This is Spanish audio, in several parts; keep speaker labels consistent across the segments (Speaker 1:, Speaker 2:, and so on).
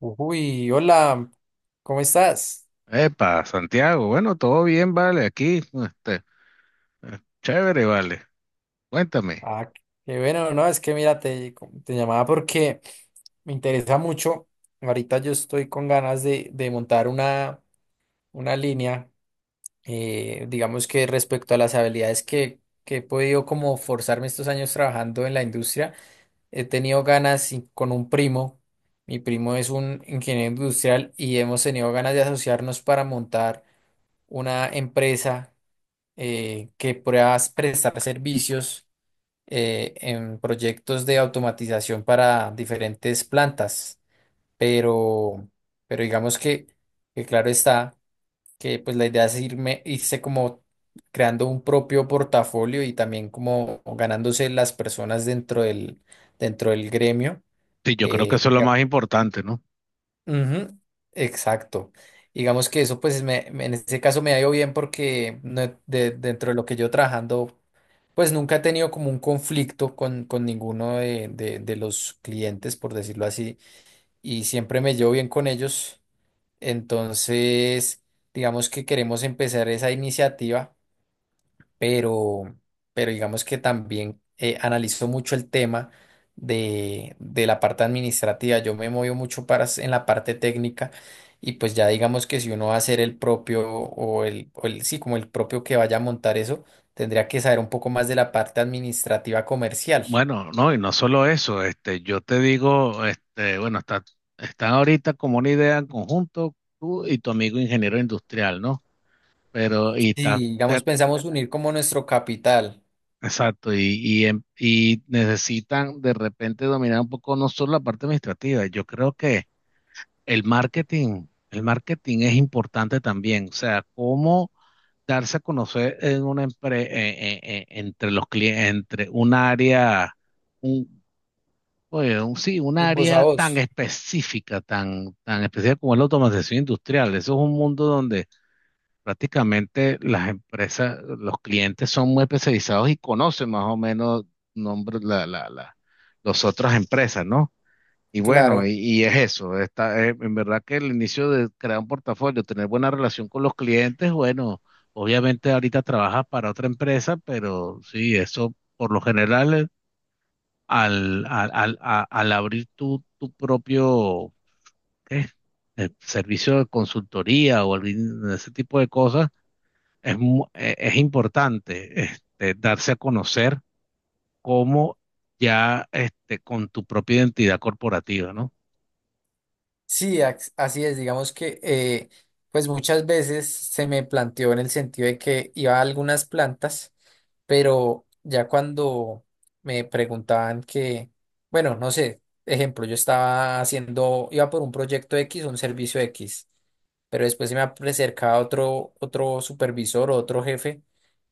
Speaker 1: Uy, hola, ¿cómo estás?
Speaker 2: Epa, Santiago, bueno, todo bien, vale, aquí, este, chévere, vale, cuéntame.
Speaker 1: Ah, qué bueno, no, es que mira, te llamaba porque me interesa mucho. Ahorita yo estoy con ganas de montar una línea, digamos que respecto a las habilidades que he podido como forzarme estos años trabajando en la industria, he tenido ganas y con un primo, mi primo es un ingeniero industrial y hemos tenido ganas de asociarnos para montar una empresa que puedas prestar servicios en proyectos de automatización para diferentes plantas, pero, pero digamos que claro está que pues la idea es irme, irse como creando un propio portafolio y también como ganándose las personas dentro dentro del gremio.
Speaker 2: Sí, yo creo que
Speaker 1: eh,
Speaker 2: eso es lo
Speaker 1: diga-
Speaker 2: más importante, ¿no?
Speaker 1: Ujú, exacto. Digamos que eso, en ese caso me ha ido bien porque no- de- dentro de lo que yo trabajando, pues nunca he tenido como un conflicto con ninguno de los clientes, por decirlo así, y siempre me llevo bien con ellos. Entonces, digamos que queremos empezar esa iniciativa, pero, pero digamos que también analizo mucho el tema de la parte administrativa. Yo me muevo mucho en la parte técnica y pues ya digamos que si uno va a ser el propio sí, como el propio que vaya a montar eso, tendría que saber un poco más de la parte administrativa comercial.
Speaker 2: Bueno, no, y no solo eso, este, yo te digo, este, bueno, están ahorita como una idea en conjunto tú y tu amigo ingeniero industrial, ¿no? Pero,
Speaker 1: Si, digamos, pensamos unir como nuestro capital,
Speaker 2: exacto, y necesitan de repente dominar un poco no solo la parte administrativa, yo creo que el marketing es importante también, o sea, cómo darse a conocer entre los clientes, entre un área, un, oye, sí, un
Speaker 1: el voz a
Speaker 2: área tan
Speaker 1: voz,
Speaker 2: específica, tan, tan específica como es la automatización industrial. Eso es un mundo donde prácticamente las empresas, los clientes son muy especializados y conocen más o menos nombres, las otras empresas, ¿no? Y bueno, y,
Speaker 1: claro.
Speaker 2: y es eso, en verdad que el inicio de crear un portafolio, tener buena relación con los clientes, bueno, obviamente ahorita trabajas para otra empresa, pero sí, eso por lo general al abrir tu propio ¿qué? Servicio de consultoría o ese tipo de cosas, es importante este, darse a conocer como ya este, con tu propia identidad corporativa, ¿no?
Speaker 1: Sí, así es, digamos que pues muchas veces se me planteó en el sentido de que iba a algunas plantas, pero ya cuando me preguntaban que, bueno, no sé, ejemplo, yo estaba haciendo, iba por un proyecto X, un servicio X, pero después se me acercaba otro supervisor o otro jefe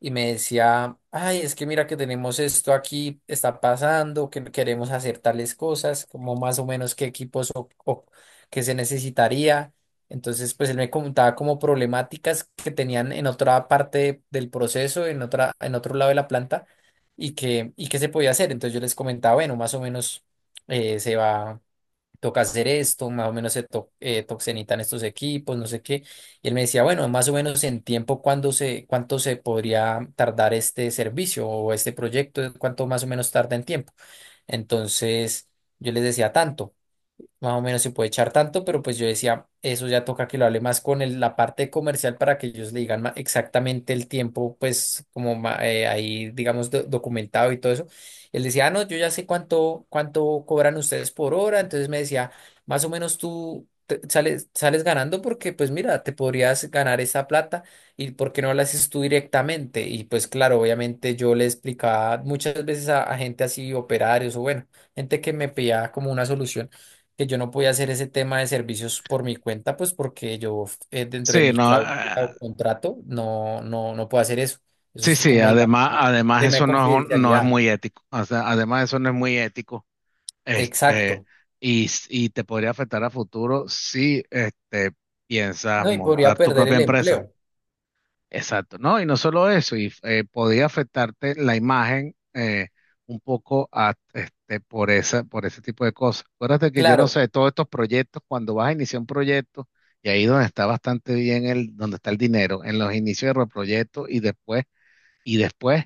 Speaker 1: y me decía, ay, es que mira que tenemos esto aquí, está pasando, que queremos hacer tales cosas, como más o menos qué equipos o que se necesitaría. Entonces, pues él me comentaba como problemáticas que tenían en otra parte del proceso, en otro lado de la planta y que se podía hacer. Entonces yo les comentaba, bueno, más o menos eh, se va, toca hacer esto, más o menos se to, to- se necesitan estos equipos, no sé qué. Y él me decía, bueno, más o menos en tiempo, ¿cuánto se podría tardar este servicio o este proyecto? ¿Cuánto más o menos tarda en tiempo? Entonces yo les decía tanto más o menos se puede echar tanto, pero pues yo decía, eso ya toca que lo hable más con la parte comercial para que ellos le digan exactamente el tiempo, pues como ahí, digamos, documentado y todo eso. Él decía, ah, no, yo ya sé cuánto cobran ustedes por hora, entonces me decía, más o menos sales ganando porque pues mira, te podrías ganar esa plata y por qué no la haces tú directamente. Y pues claro, obviamente yo le explicaba muchas veces a gente así, operarios o bueno, gente que me pedía como una solución que yo no podía hacer ese tema de servicios por mi cuenta, pues porque yo, dentro de
Speaker 2: Sí,
Speaker 1: mi
Speaker 2: no.
Speaker 1: cláusula o contrato no puedo hacer eso. Eso
Speaker 2: Sí,
Speaker 1: es
Speaker 2: sí,
Speaker 1: como, digamos,
Speaker 2: además, además
Speaker 1: tema de
Speaker 2: eso no es, no es
Speaker 1: confidencialidad.
Speaker 2: muy ético. O sea, además eso no es muy ético. Este,
Speaker 1: Exacto.
Speaker 2: y te podría afectar a futuro si este, piensas
Speaker 1: No, y podría
Speaker 2: montar tu
Speaker 1: perder
Speaker 2: propia
Speaker 1: el
Speaker 2: empresa.
Speaker 1: empleo.
Speaker 2: Exacto, ¿no? Y no solo eso, y podría afectarte la imagen un poco este, por ese tipo de cosas. Acuérdate que yo no
Speaker 1: Claro,
Speaker 2: sé, todos estos proyectos, cuando vas a iniciar un proyecto, y ahí donde está bastante bien donde está el dinero, en los inicios de los proyectos y después,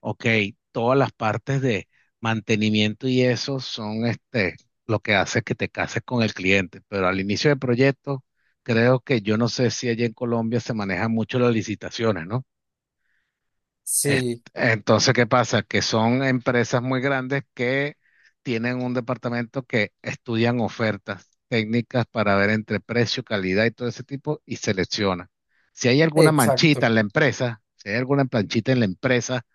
Speaker 2: ok, todas las partes de mantenimiento y eso son este, lo que hace que te cases con el cliente. Pero al inicio del proyecto, creo que yo no sé si allá en Colombia se manejan mucho las licitaciones, ¿no? Es-
Speaker 1: sí,
Speaker 2: entonces, ¿qué pasa? Que son empresas muy grandes que tienen un departamento que estudian ofertas técnicas para ver entre precio, calidad y todo ese tipo y selecciona. Si hay alguna manchita
Speaker 1: exacto.
Speaker 2: en la empresa, si hay alguna planchita en la empresa,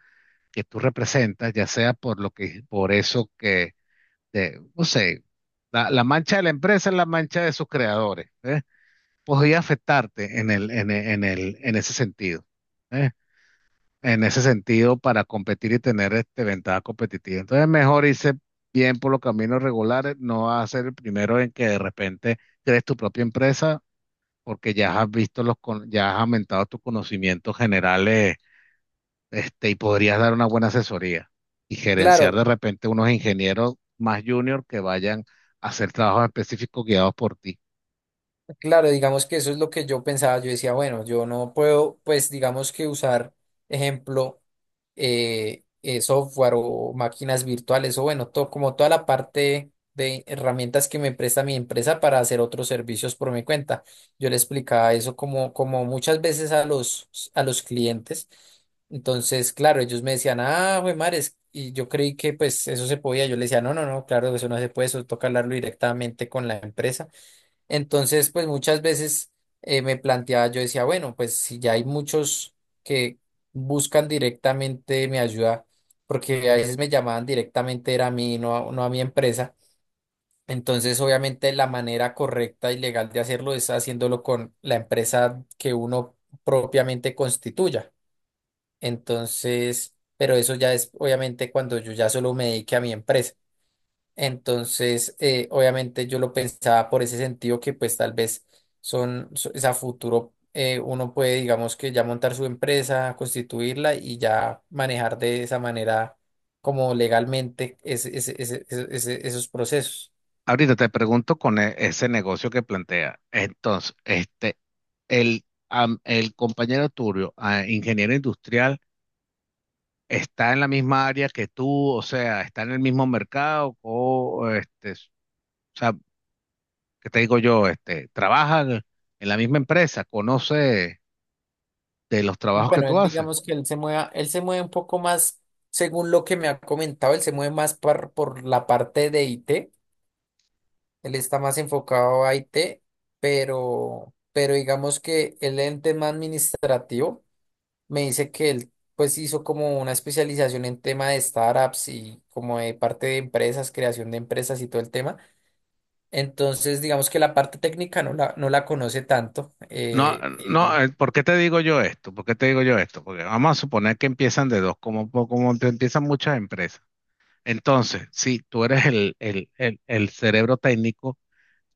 Speaker 2: que tú representas, ya sea por lo que, por eso que, no sé, la mancha de la empresa es la mancha de sus creadores, ¿eh? Podría afectarte en ese sentido, ¿eh? En ese sentido, para competir y tener este ventaja competitiva. Entonces, mejor irse bien por los caminos regulares, no vas a ser el primero en que de repente crees tu propia empresa, porque ya has visto ya has aumentado tus conocimientos generales este, y podrías dar una buena asesoría y gerenciar
Speaker 1: Claro.
Speaker 2: de repente unos ingenieros más junior que vayan a hacer trabajos específicos guiados por ti.
Speaker 1: Claro, digamos que eso es lo que yo pensaba. Yo decía, bueno, yo no puedo, pues digamos que usar, ejemplo, software o máquinas virtuales o bueno, todo, como toda la parte de herramientas que me presta mi empresa para hacer otros servicios por mi cuenta. Yo le explicaba eso como, como muchas veces a a los clientes. Entonces, claro, ellos me decían, ah, güey, mares, y yo creí que pues eso se podía. Yo le decía, no, claro, eso no se puede, eso toca hablarlo directamente con la empresa. Entonces, pues muchas veces me planteaba, yo decía, bueno, pues si ya hay muchos que buscan directamente mi ayuda, porque a veces me llamaban directamente era a mí, no a mi empresa. Entonces, obviamente la manera correcta y legal de hacerlo es haciéndolo con la empresa que uno propiamente constituya. Entonces, pero eso ya es obviamente cuando yo ya solo me dedique a mi empresa. Entonces, obviamente yo lo pensaba por ese sentido que pues tal vez es a futuro, uno puede, digamos que ya montar su empresa, constituirla y ya manejar de esa manera como legalmente esos procesos.
Speaker 2: Ahorita te pregunto con ese negocio que plantea. Entonces, este, el compañero Turio, ah, ingeniero industrial, ¿está en la misma área que tú? O sea, ¿está en el mismo mercado? O, este, o sea, ¿qué te digo yo? Este, ¿trabaja en la misma empresa? ¿Conoce de los trabajos que
Speaker 1: Bueno,
Speaker 2: tú
Speaker 1: él
Speaker 2: haces?
Speaker 1: digamos que él se mueve un poco más, según lo que me ha comentado, él se mueve por la parte de IT, él está más enfocado a IT, pero digamos que él en tema administrativo me dice que él pues hizo como una especialización en tema de startups y como de parte de empresas, creación de empresas y todo el tema. Entonces, digamos que la parte técnica no la conoce tanto.
Speaker 2: No, no, ¿por qué te digo yo esto? ¿Por qué te digo yo esto? Porque vamos a suponer que empiezan de dos, como te empiezan muchas empresas. Entonces, sí, tú eres el cerebro técnico,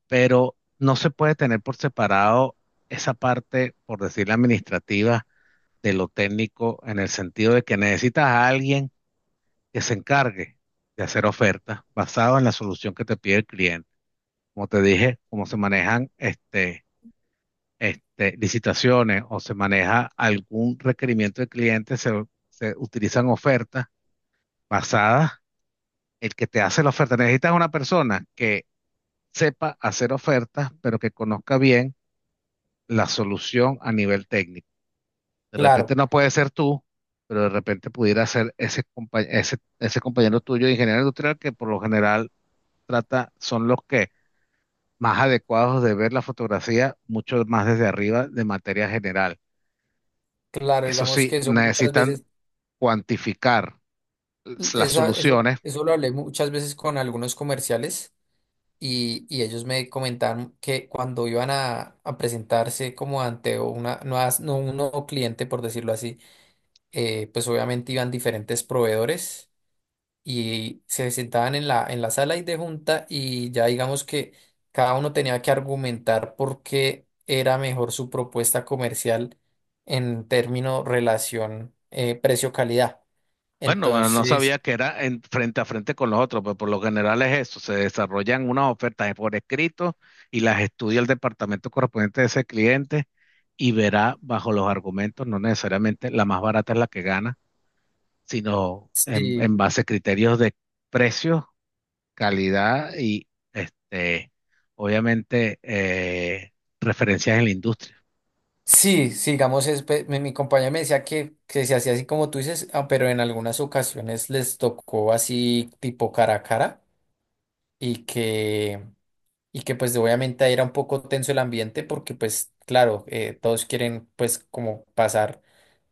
Speaker 2: pero no se puede tener por separado esa parte, por decir la administrativa, de lo técnico, en el sentido de que necesitas a alguien que se encargue de hacer ofertas basado en la solución que te pide el cliente. Como te dije, cómo se manejan este, licitaciones o se maneja algún requerimiento del cliente, se utilizan ofertas basadas. El que te hace la oferta, necesitas una persona que sepa hacer ofertas, pero que conozca bien la solución a nivel técnico. De repente
Speaker 1: Claro,
Speaker 2: no puede ser tú, pero de repente pudiera ser ese compañero tuyo de ingeniero industrial que por lo general trata, son los que más adecuados de ver la fotografía, mucho más desde arriba de materia general.
Speaker 1: claro,
Speaker 2: Eso
Speaker 1: digamos que
Speaker 2: sí,
Speaker 1: eso muchas
Speaker 2: necesitan
Speaker 1: veces,
Speaker 2: cuantificar las soluciones.
Speaker 1: eso lo hablé muchas veces con algunos comerciales. Y ellos me comentaron que cuando iban a presentarse como ante una, nuevas- no, un nuevo cliente, por decirlo así, pues obviamente iban diferentes proveedores y se sentaban en en la sala y de junta y ya digamos que cada uno tenía que argumentar por qué era mejor su propuesta comercial en término relación precio-calidad.
Speaker 2: Bueno, no
Speaker 1: Entonces,
Speaker 2: sabía que era frente a frente con los otros, pero por lo general es eso, se desarrollan unas ofertas por escrito y las estudia el departamento correspondiente de ese cliente y verá bajo los argumentos, no necesariamente la más barata es la que gana, sino en,
Speaker 1: sí,
Speaker 2: en base a criterios de precio, calidad y este, obviamente referencias en la industria.
Speaker 1: sí, digamos, mi, mi compañero me decía que se hacía así como tú dices, ah, pero en algunas ocasiones les tocó así tipo cara a cara y que... y que pues obviamente ahí era un poco tenso el ambiente porque pues claro, todos quieren pues como pasar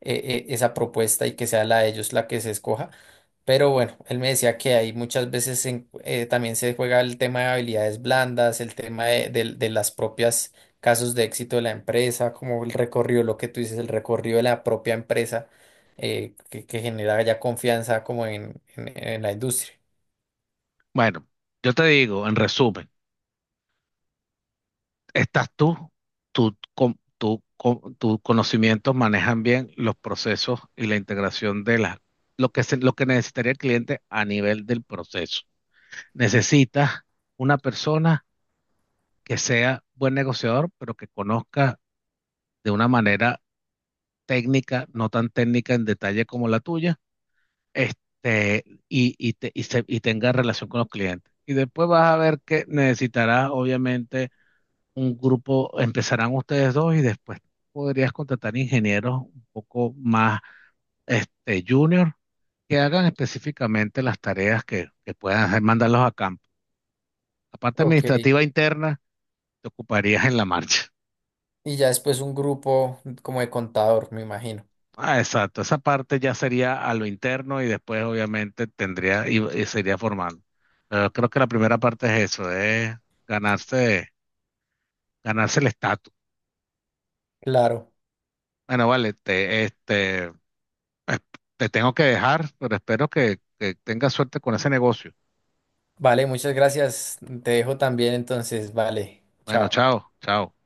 Speaker 1: esa propuesta y que sea la de ellos la que se escoja. Pero bueno, él me decía que ahí muchas veces también se juega el tema de habilidades blandas, el tema de las propias casos de éxito de la empresa, como el recorrido, lo que tú dices, el recorrido de la propia empresa, que genera ya confianza como en la industria.
Speaker 2: Bueno, yo te digo, en resumen, estás tú, tus conocimientos manejan bien los procesos y la integración de las, lo que se- lo que necesitaría el cliente a nivel del proceso. Necesitas una persona que sea buen negociador, pero que conozca de una manera técnica, no tan técnica en detalle como la tuya, este, y tenga relación con los clientes. Y después vas a ver que necesitarás, obviamente, un grupo, empezarán ustedes dos y después podrías contratar ingenieros un poco más este, junior que hagan específicamente las tareas que puedan hacer, mandarlos a campo. La parte
Speaker 1: Ok.
Speaker 2: administrativa interna te ocuparías en la marcha.
Speaker 1: Y ya después un grupo como de contador, me imagino.
Speaker 2: Ah, exacto, esa parte ya sería a lo interno y después obviamente tendría y sería formando. Pero creo que la primera parte es eso, es ganarse, ganarse el estatus.
Speaker 1: Claro.
Speaker 2: Bueno, vale, este, Eh, te tengo que dejar, pero espero que tengas suerte con ese negocio.
Speaker 1: Vale, muchas gracias. Te dejo también entonces. Vale,
Speaker 2: Bueno,
Speaker 1: chao.
Speaker 2: chao, chao.